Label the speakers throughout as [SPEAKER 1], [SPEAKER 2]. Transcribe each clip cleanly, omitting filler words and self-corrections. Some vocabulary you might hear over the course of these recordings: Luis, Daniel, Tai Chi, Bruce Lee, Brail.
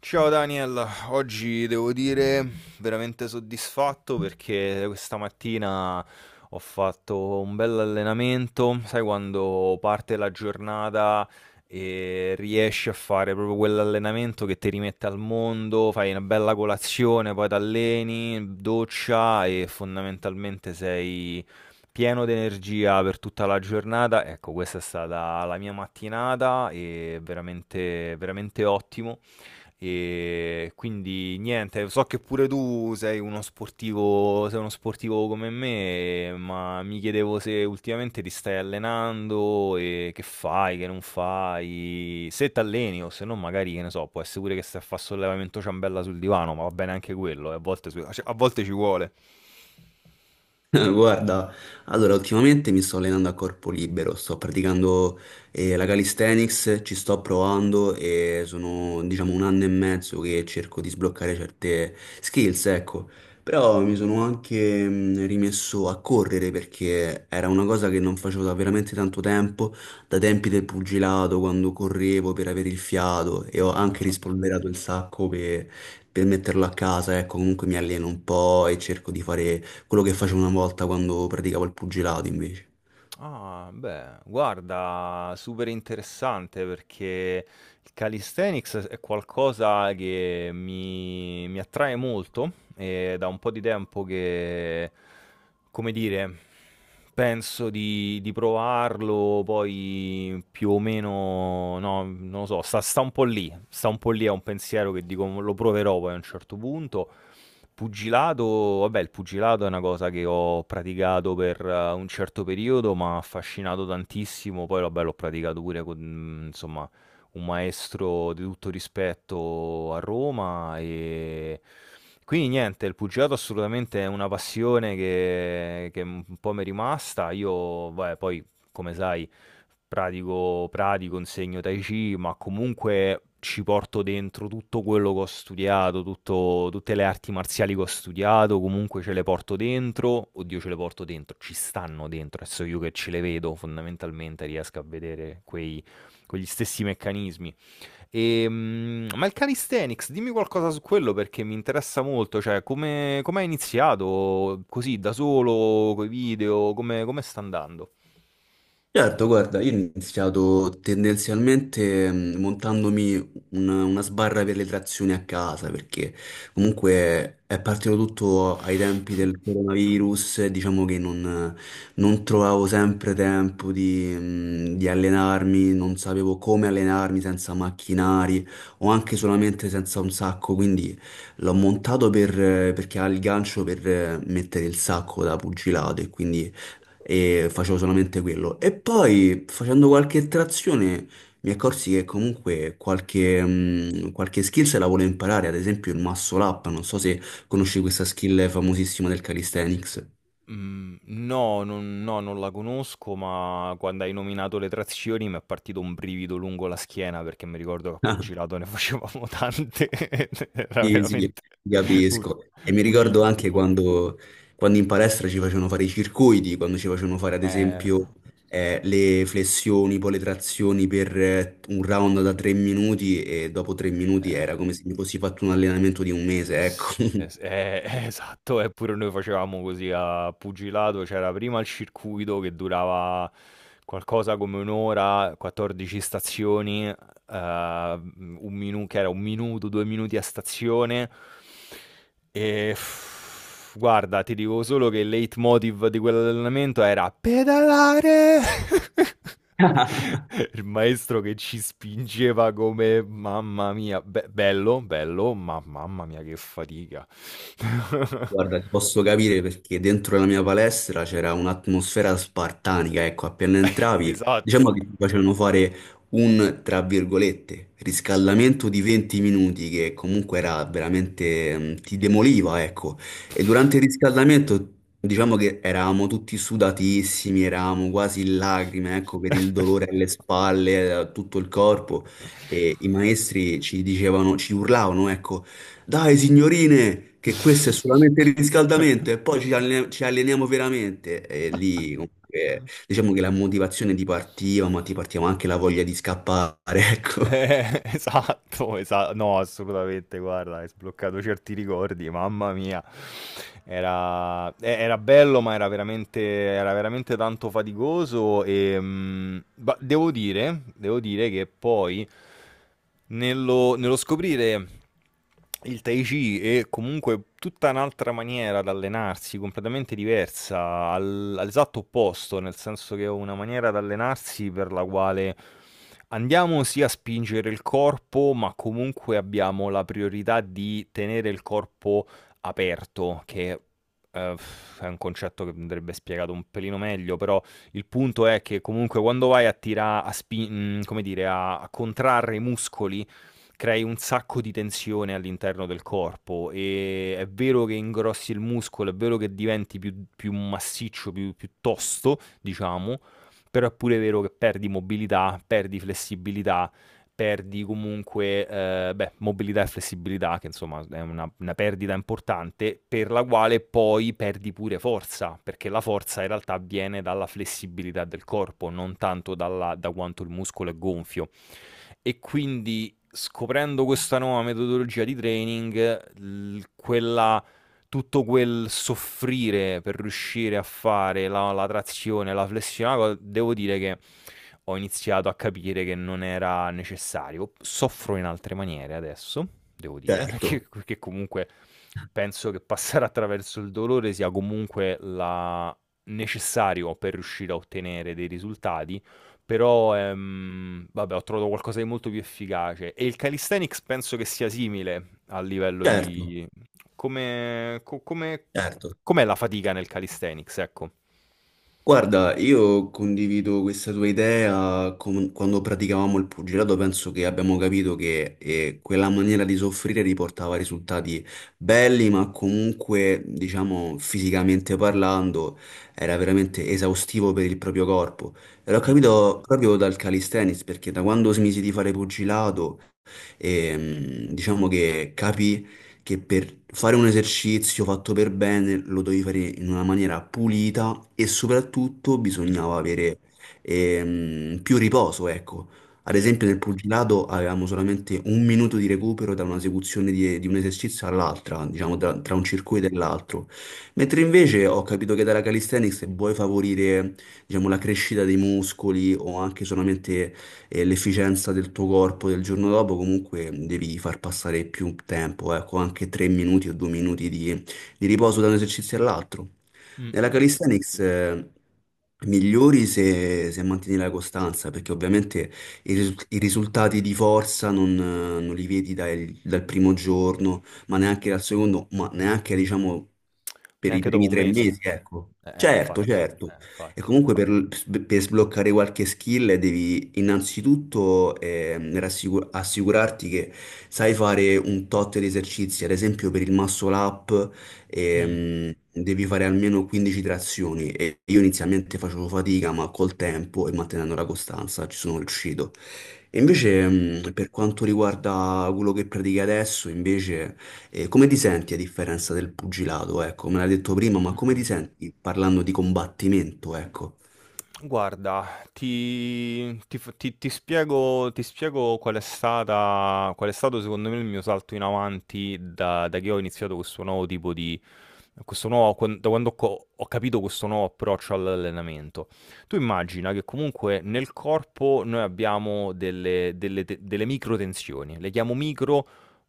[SPEAKER 1] Ciao Daniel, oggi devo dire veramente soddisfatto perché questa mattina ho fatto un bel allenamento, sai quando parte la giornata e riesci a fare proprio quell'allenamento che ti rimette al mondo, fai una bella colazione, poi ti alleni, doccia e fondamentalmente sei pieno di energia per tutta la giornata. Ecco, questa è stata la mia mattinata e veramente, veramente ottimo. Quindi niente, so che pure tu sei uno sportivo come me, ma mi chiedevo se ultimamente ti stai allenando e che fai, che non fai, se t'alleni o se no magari, che ne so, può essere pure che stai a fare sollevamento ciambella sul divano, ma va bene anche quello, a volte, cioè, a volte ci vuole.
[SPEAKER 2] Guarda, allora ultimamente mi sto allenando a corpo libero, sto praticando la calisthenics, ci sto provando e sono diciamo 1 anno e mezzo che cerco di sbloccare certe skills, ecco. Però mi sono anche rimesso a correre perché era una cosa che non facevo da veramente tanto tempo, da tempi del pugilato, quando correvo per avere il fiato e ho anche rispolverato il sacco per metterlo a casa, ecco, comunque mi alleno un po' e cerco di fare quello che facevo una volta quando praticavo il pugilato invece.
[SPEAKER 1] Ah, beh, guarda, super interessante perché il calisthenics è qualcosa che mi attrae molto e da un po' di tempo che, come dire, penso di provarlo, poi più o meno, no, non lo so, sta un po' lì, sta un po' lì, è un pensiero che dico lo proverò poi a un certo punto. Pugilato, vabbè, il pugilato è una cosa che ho praticato per un certo periodo, ma ha affascinato tantissimo. Poi, vabbè, l'ho praticato pure con, insomma, un maestro di tutto rispetto a Roma. Quindi niente, il pugilato assolutamente è una passione che un po' mi è rimasta. Io, vabbè, poi, come sai, pratico, insegno Tai Chi, ma comunque ci porto dentro tutto quello che ho studiato, tutte le arti marziali che ho studiato, comunque ce le porto dentro, oddio ce le porto dentro, ci stanno dentro, adesso io che ce le vedo fondamentalmente riesco a vedere quegli stessi meccanismi. Ma il calisthenics, dimmi qualcosa su quello perché mi interessa molto, cioè come hai iniziato così da solo, con i video, come sta andando?
[SPEAKER 2] Certo, guarda, io ho iniziato tendenzialmente montandomi una sbarra per le trazioni a casa, perché comunque è partito tutto ai tempi del coronavirus, e diciamo che non trovavo sempre tempo di allenarmi, non sapevo come allenarmi senza macchinari o anche solamente senza un sacco, quindi l'ho montato per, perché ha il gancio per mettere il sacco da pugilato e quindi facevo solamente quello. E poi facendo qualche trazione mi accorsi che comunque qualche skill se la volevo imparare, ad esempio il muscle up, non so se conosci questa skill famosissima del calisthenics.
[SPEAKER 1] Mhmm, no, non la conosco, ma quando hai nominato le trazioni mi è partito un brivido lungo la schiena, perché mi ricordo che a pugilato ne facevamo tante ed era
[SPEAKER 2] Sì, sì, ti
[SPEAKER 1] veramente un
[SPEAKER 2] capisco. E mi
[SPEAKER 1] un
[SPEAKER 2] ricordo anche
[SPEAKER 1] incubo.
[SPEAKER 2] quando in palestra ci facevano fare i circuiti, quando ci facevano fare ad
[SPEAKER 1] Eh,
[SPEAKER 2] esempio le flessioni, poi le trazioni per un round da 3 minuti e dopo 3 minuti
[SPEAKER 1] eh,
[SPEAKER 2] era come se mi fossi fatto un allenamento di un mese, ecco.
[SPEAKER 1] sì, es esatto, pure noi facevamo così a pugilato, c'era prima il circuito che durava qualcosa come 1 ora, 14 stazioni un minu che era 1 minuto, 2 minuti a stazione e guarda, ti dico solo che il leitmotiv di quell'allenamento era: "Pedalare!" Il maestro che ci spingeva come mamma mia, be bello, bello, ma mamma mia che fatica.
[SPEAKER 2] Guarda, ti posso capire perché dentro la mia palestra c'era un'atmosfera spartanica, ecco, appena entravi, diciamo che
[SPEAKER 1] Esatto.
[SPEAKER 2] ti facevano fare un, tra virgolette, riscaldamento di 20 minuti che comunque era veramente, ti demoliva, ecco, e durante il riscaldamento diciamo che eravamo tutti sudatissimi, eravamo quasi in lacrime, ecco, per il dolore alle spalle, a tutto il corpo, e i maestri ci dicevano, ci urlavano, ecco, dai, signorine, che questo è solamente il riscaldamento e poi ci alleniamo veramente. E lì, comunque, diciamo che la motivazione ti partiva, ma ti partiva anche la voglia di scappare, ecco.
[SPEAKER 1] Esatto, esatto, no, assolutamente, guarda, hai sbloccato certi ricordi, mamma mia. Era bello, ma era veramente tanto faticoso e devo dire che poi nello scoprire il Tai Chi è comunque tutta un'altra maniera di allenarsi, completamente diversa, all'esatto opposto, nel senso che è una maniera di allenarsi per la quale andiamo sì a spingere il corpo, ma comunque abbiamo la priorità di tenere il corpo aperto, che eh, è un concetto che andrebbe spiegato un pelino meglio, però il punto è che comunque quando vai a tirare, come dire, a contrarre i muscoli, crei un sacco di tensione all'interno del corpo e è vero che ingrossi il muscolo, è vero che diventi più massiccio, più tosto, diciamo, però è pure vero che perdi mobilità, perdi flessibilità, perdi comunque, beh, mobilità e flessibilità che insomma è una perdita importante, per la quale poi perdi pure forza, perché la forza in realtà viene dalla flessibilità del corpo, non tanto dalla da quanto il muscolo è gonfio. E quindi scoprendo questa nuova metodologia di training, quella, tutto quel soffrire per riuscire a fare la trazione, la flessione, devo dire che ho iniziato a capire che non era necessario. Soffro in altre maniere adesso, devo dire, perché
[SPEAKER 2] Certo,
[SPEAKER 1] perché comunque penso che passare attraverso il dolore sia comunque necessario per riuscire a ottenere dei risultati però, vabbè, ho trovato qualcosa di molto più efficace. E il calisthenics penso che sia simile a livello
[SPEAKER 2] certo,
[SPEAKER 1] di, come, come,
[SPEAKER 2] certo.
[SPEAKER 1] com'è la fatica nel calisthenics, ecco.
[SPEAKER 2] Guarda, io condivido questa tua idea. Com- quando praticavamo il pugilato, penso che abbiamo capito che quella maniera di soffrire riportava risultati belli, ma comunque, diciamo, fisicamente parlando, era veramente esaustivo per il proprio corpo. E l'ho
[SPEAKER 1] Mh, mh,
[SPEAKER 2] capito proprio dal calisthenics, perché da quando smisi di fare pugilato, diciamo che capì che per fare un esercizio fatto per bene lo dovevi fare in una maniera pulita e soprattutto bisognava
[SPEAKER 1] mh,
[SPEAKER 2] avere più riposo, ecco. Ad
[SPEAKER 1] sì,
[SPEAKER 2] esempio nel pugilato avevamo solamente 1 minuto di recupero da un'esecuzione di un esercizio all'altra, diciamo tra
[SPEAKER 1] sì.
[SPEAKER 2] un circuito e l'altro. Mentre invece ho capito che dalla calisthenics se vuoi favorire, diciamo, la crescita dei muscoli o anche solamente e l'efficienza del tuo corpo del giorno dopo, comunque devi far passare più tempo, ecco, anche 3 minuti o 2 minuti di riposo da un esercizio all'altro.
[SPEAKER 1] Mh,
[SPEAKER 2] Nella
[SPEAKER 1] mh, mh.
[SPEAKER 2] calisthenics migliori se mantieni la costanza, perché ovviamente i risultati di forza non li vedi dal primo giorno, ma neanche dal secondo, ma neanche diciamo per i
[SPEAKER 1] Neanche dopo
[SPEAKER 2] primi
[SPEAKER 1] un
[SPEAKER 2] tre
[SPEAKER 1] mese.
[SPEAKER 2] mesi, ecco.
[SPEAKER 1] Eh,
[SPEAKER 2] Certo,
[SPEAKER 1] infatti.
[SPEAKER 2] certo. E
[SPEAKER 1] Infatti.
[SPEAKER 2] comunque per sbloccare qualche skill devi innanzitutto assicurarti che sai fare un tot di esercizi, ad esempio per il muscle up
[SPEAKER 1] Mh,
[SPEAKER 2] devi fare almeno 15 trazioni e io inizialmente facevo fatica, ma col tempo e mantenendo la costanza ci sono riuscito. E
[SPEAKER 1] mh,
[SPEAKER 2] invece per quanto riguarda quello che pratichi adesso, invece, come ti senti a differenza del pugilato? Ecco, me l'hai detto prima, ma
[SPEAKER 1] mh.
[SPEAKER 2] come ti senti parlando di combattimento? Ecco.
[SPEAKER 1] Guarda, ti ti f ti ti spiego qual è stato secondo me il mio salto in avanti da che ho iniziato questo nuovo tipo di questo nuovo quan da quando ho capito questo nuovo approccio all'allenamento. Tu immagina che comunque nel corpo noi abbiamo delle microtensioni, le chiamo micro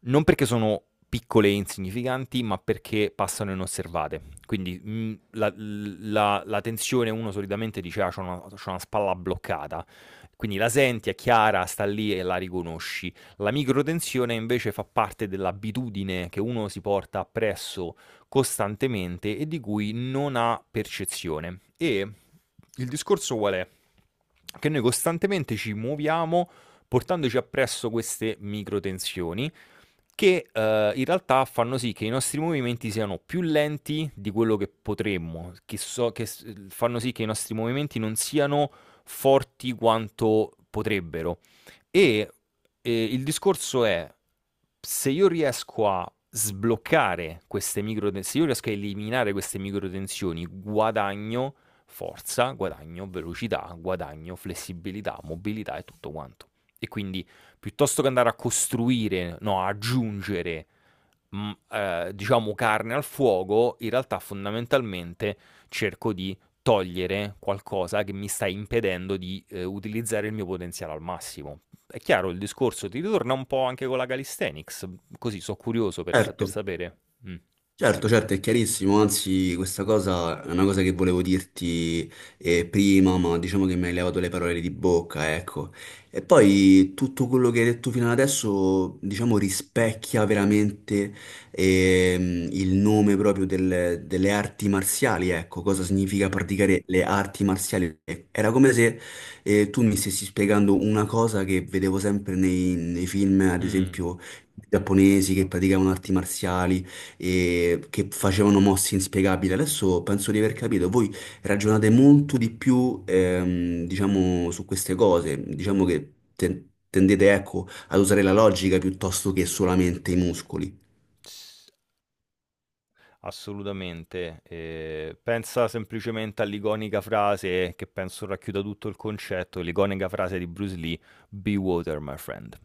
[SPEAKER 1] non perché sono piccole e insignificanti, ma perché passano inosservate. Quindi la tensione uno solitamente dice, ah, c'ho una spalla bloccata. Quindi la senti, è chiara, sta lì e la riconosci. La microtensione invece fa parte dell'abitudine che uno si porta appresso costantemente e di cui non ha percezione. E il discorso qual è? Che noi costantemente ci muoviamo portandoci appresso queste microtensioni che, in realtà fanno sì che i nostri movimenti siano più lenti di quello che potremmo, che so che s fanno sì che i nostri movimenti non siano forti quanto potrebbero. E, il discorso è: se io riesco a sbloccare queste micro ten se io riesco a eliminare queste micro tensioni, guadagno forza, guadagno velocità, guadagno flessibilità, mobilità e tutto quanto. E quindi piuttosto che andare a costruire, no, a aggiungere, diciamo, carne al fuoco, in realtà fondamentalmente cerco di togliere qualcosa che mi sta impedendo di utilizzare il mio potenziale al massimo. È chiaro il discorso, ti ritorna un po' anche con la calisthenics, così sono curioso per, sa-
[SPEAKER 2] Certo.
[SPEAKER 1] per sapere. Mm.
[SPEAKER 2] Certo, certo, è chiarissimo, anzi questa cosa è una cosa che volevo dirti prima, ma diciamo che mi hai levato le parole di bocca, ecco. E poi tutto quello che hai detto fino ad adesso, diciamo, rispecchia veramente il nome proprio delle arti marziali, ecco, cosa significa praticare le arti marziali. Era come se tu mi stessi spiegando una cosa che vedevo sempre nei film, ad
[SPEAKER 1] Mm.
[SPEAKER 2] esempio, giapponesi che praticavano arti marziali e che facevano mosse inspiegabili. Adesso penso di aver capito, voi ragionate molto di più, diciamo, su queste cose, diciamo che tendete, ecco, ad usare la logica piuttosto che solamente i muscoli.
[SPEAKER 1] Assolutamente. Pensa semplicemente all'iconica frase che penso racchiuda tutto il concetto, l'iconica frase di Bruce Lee: "Be water, my friend".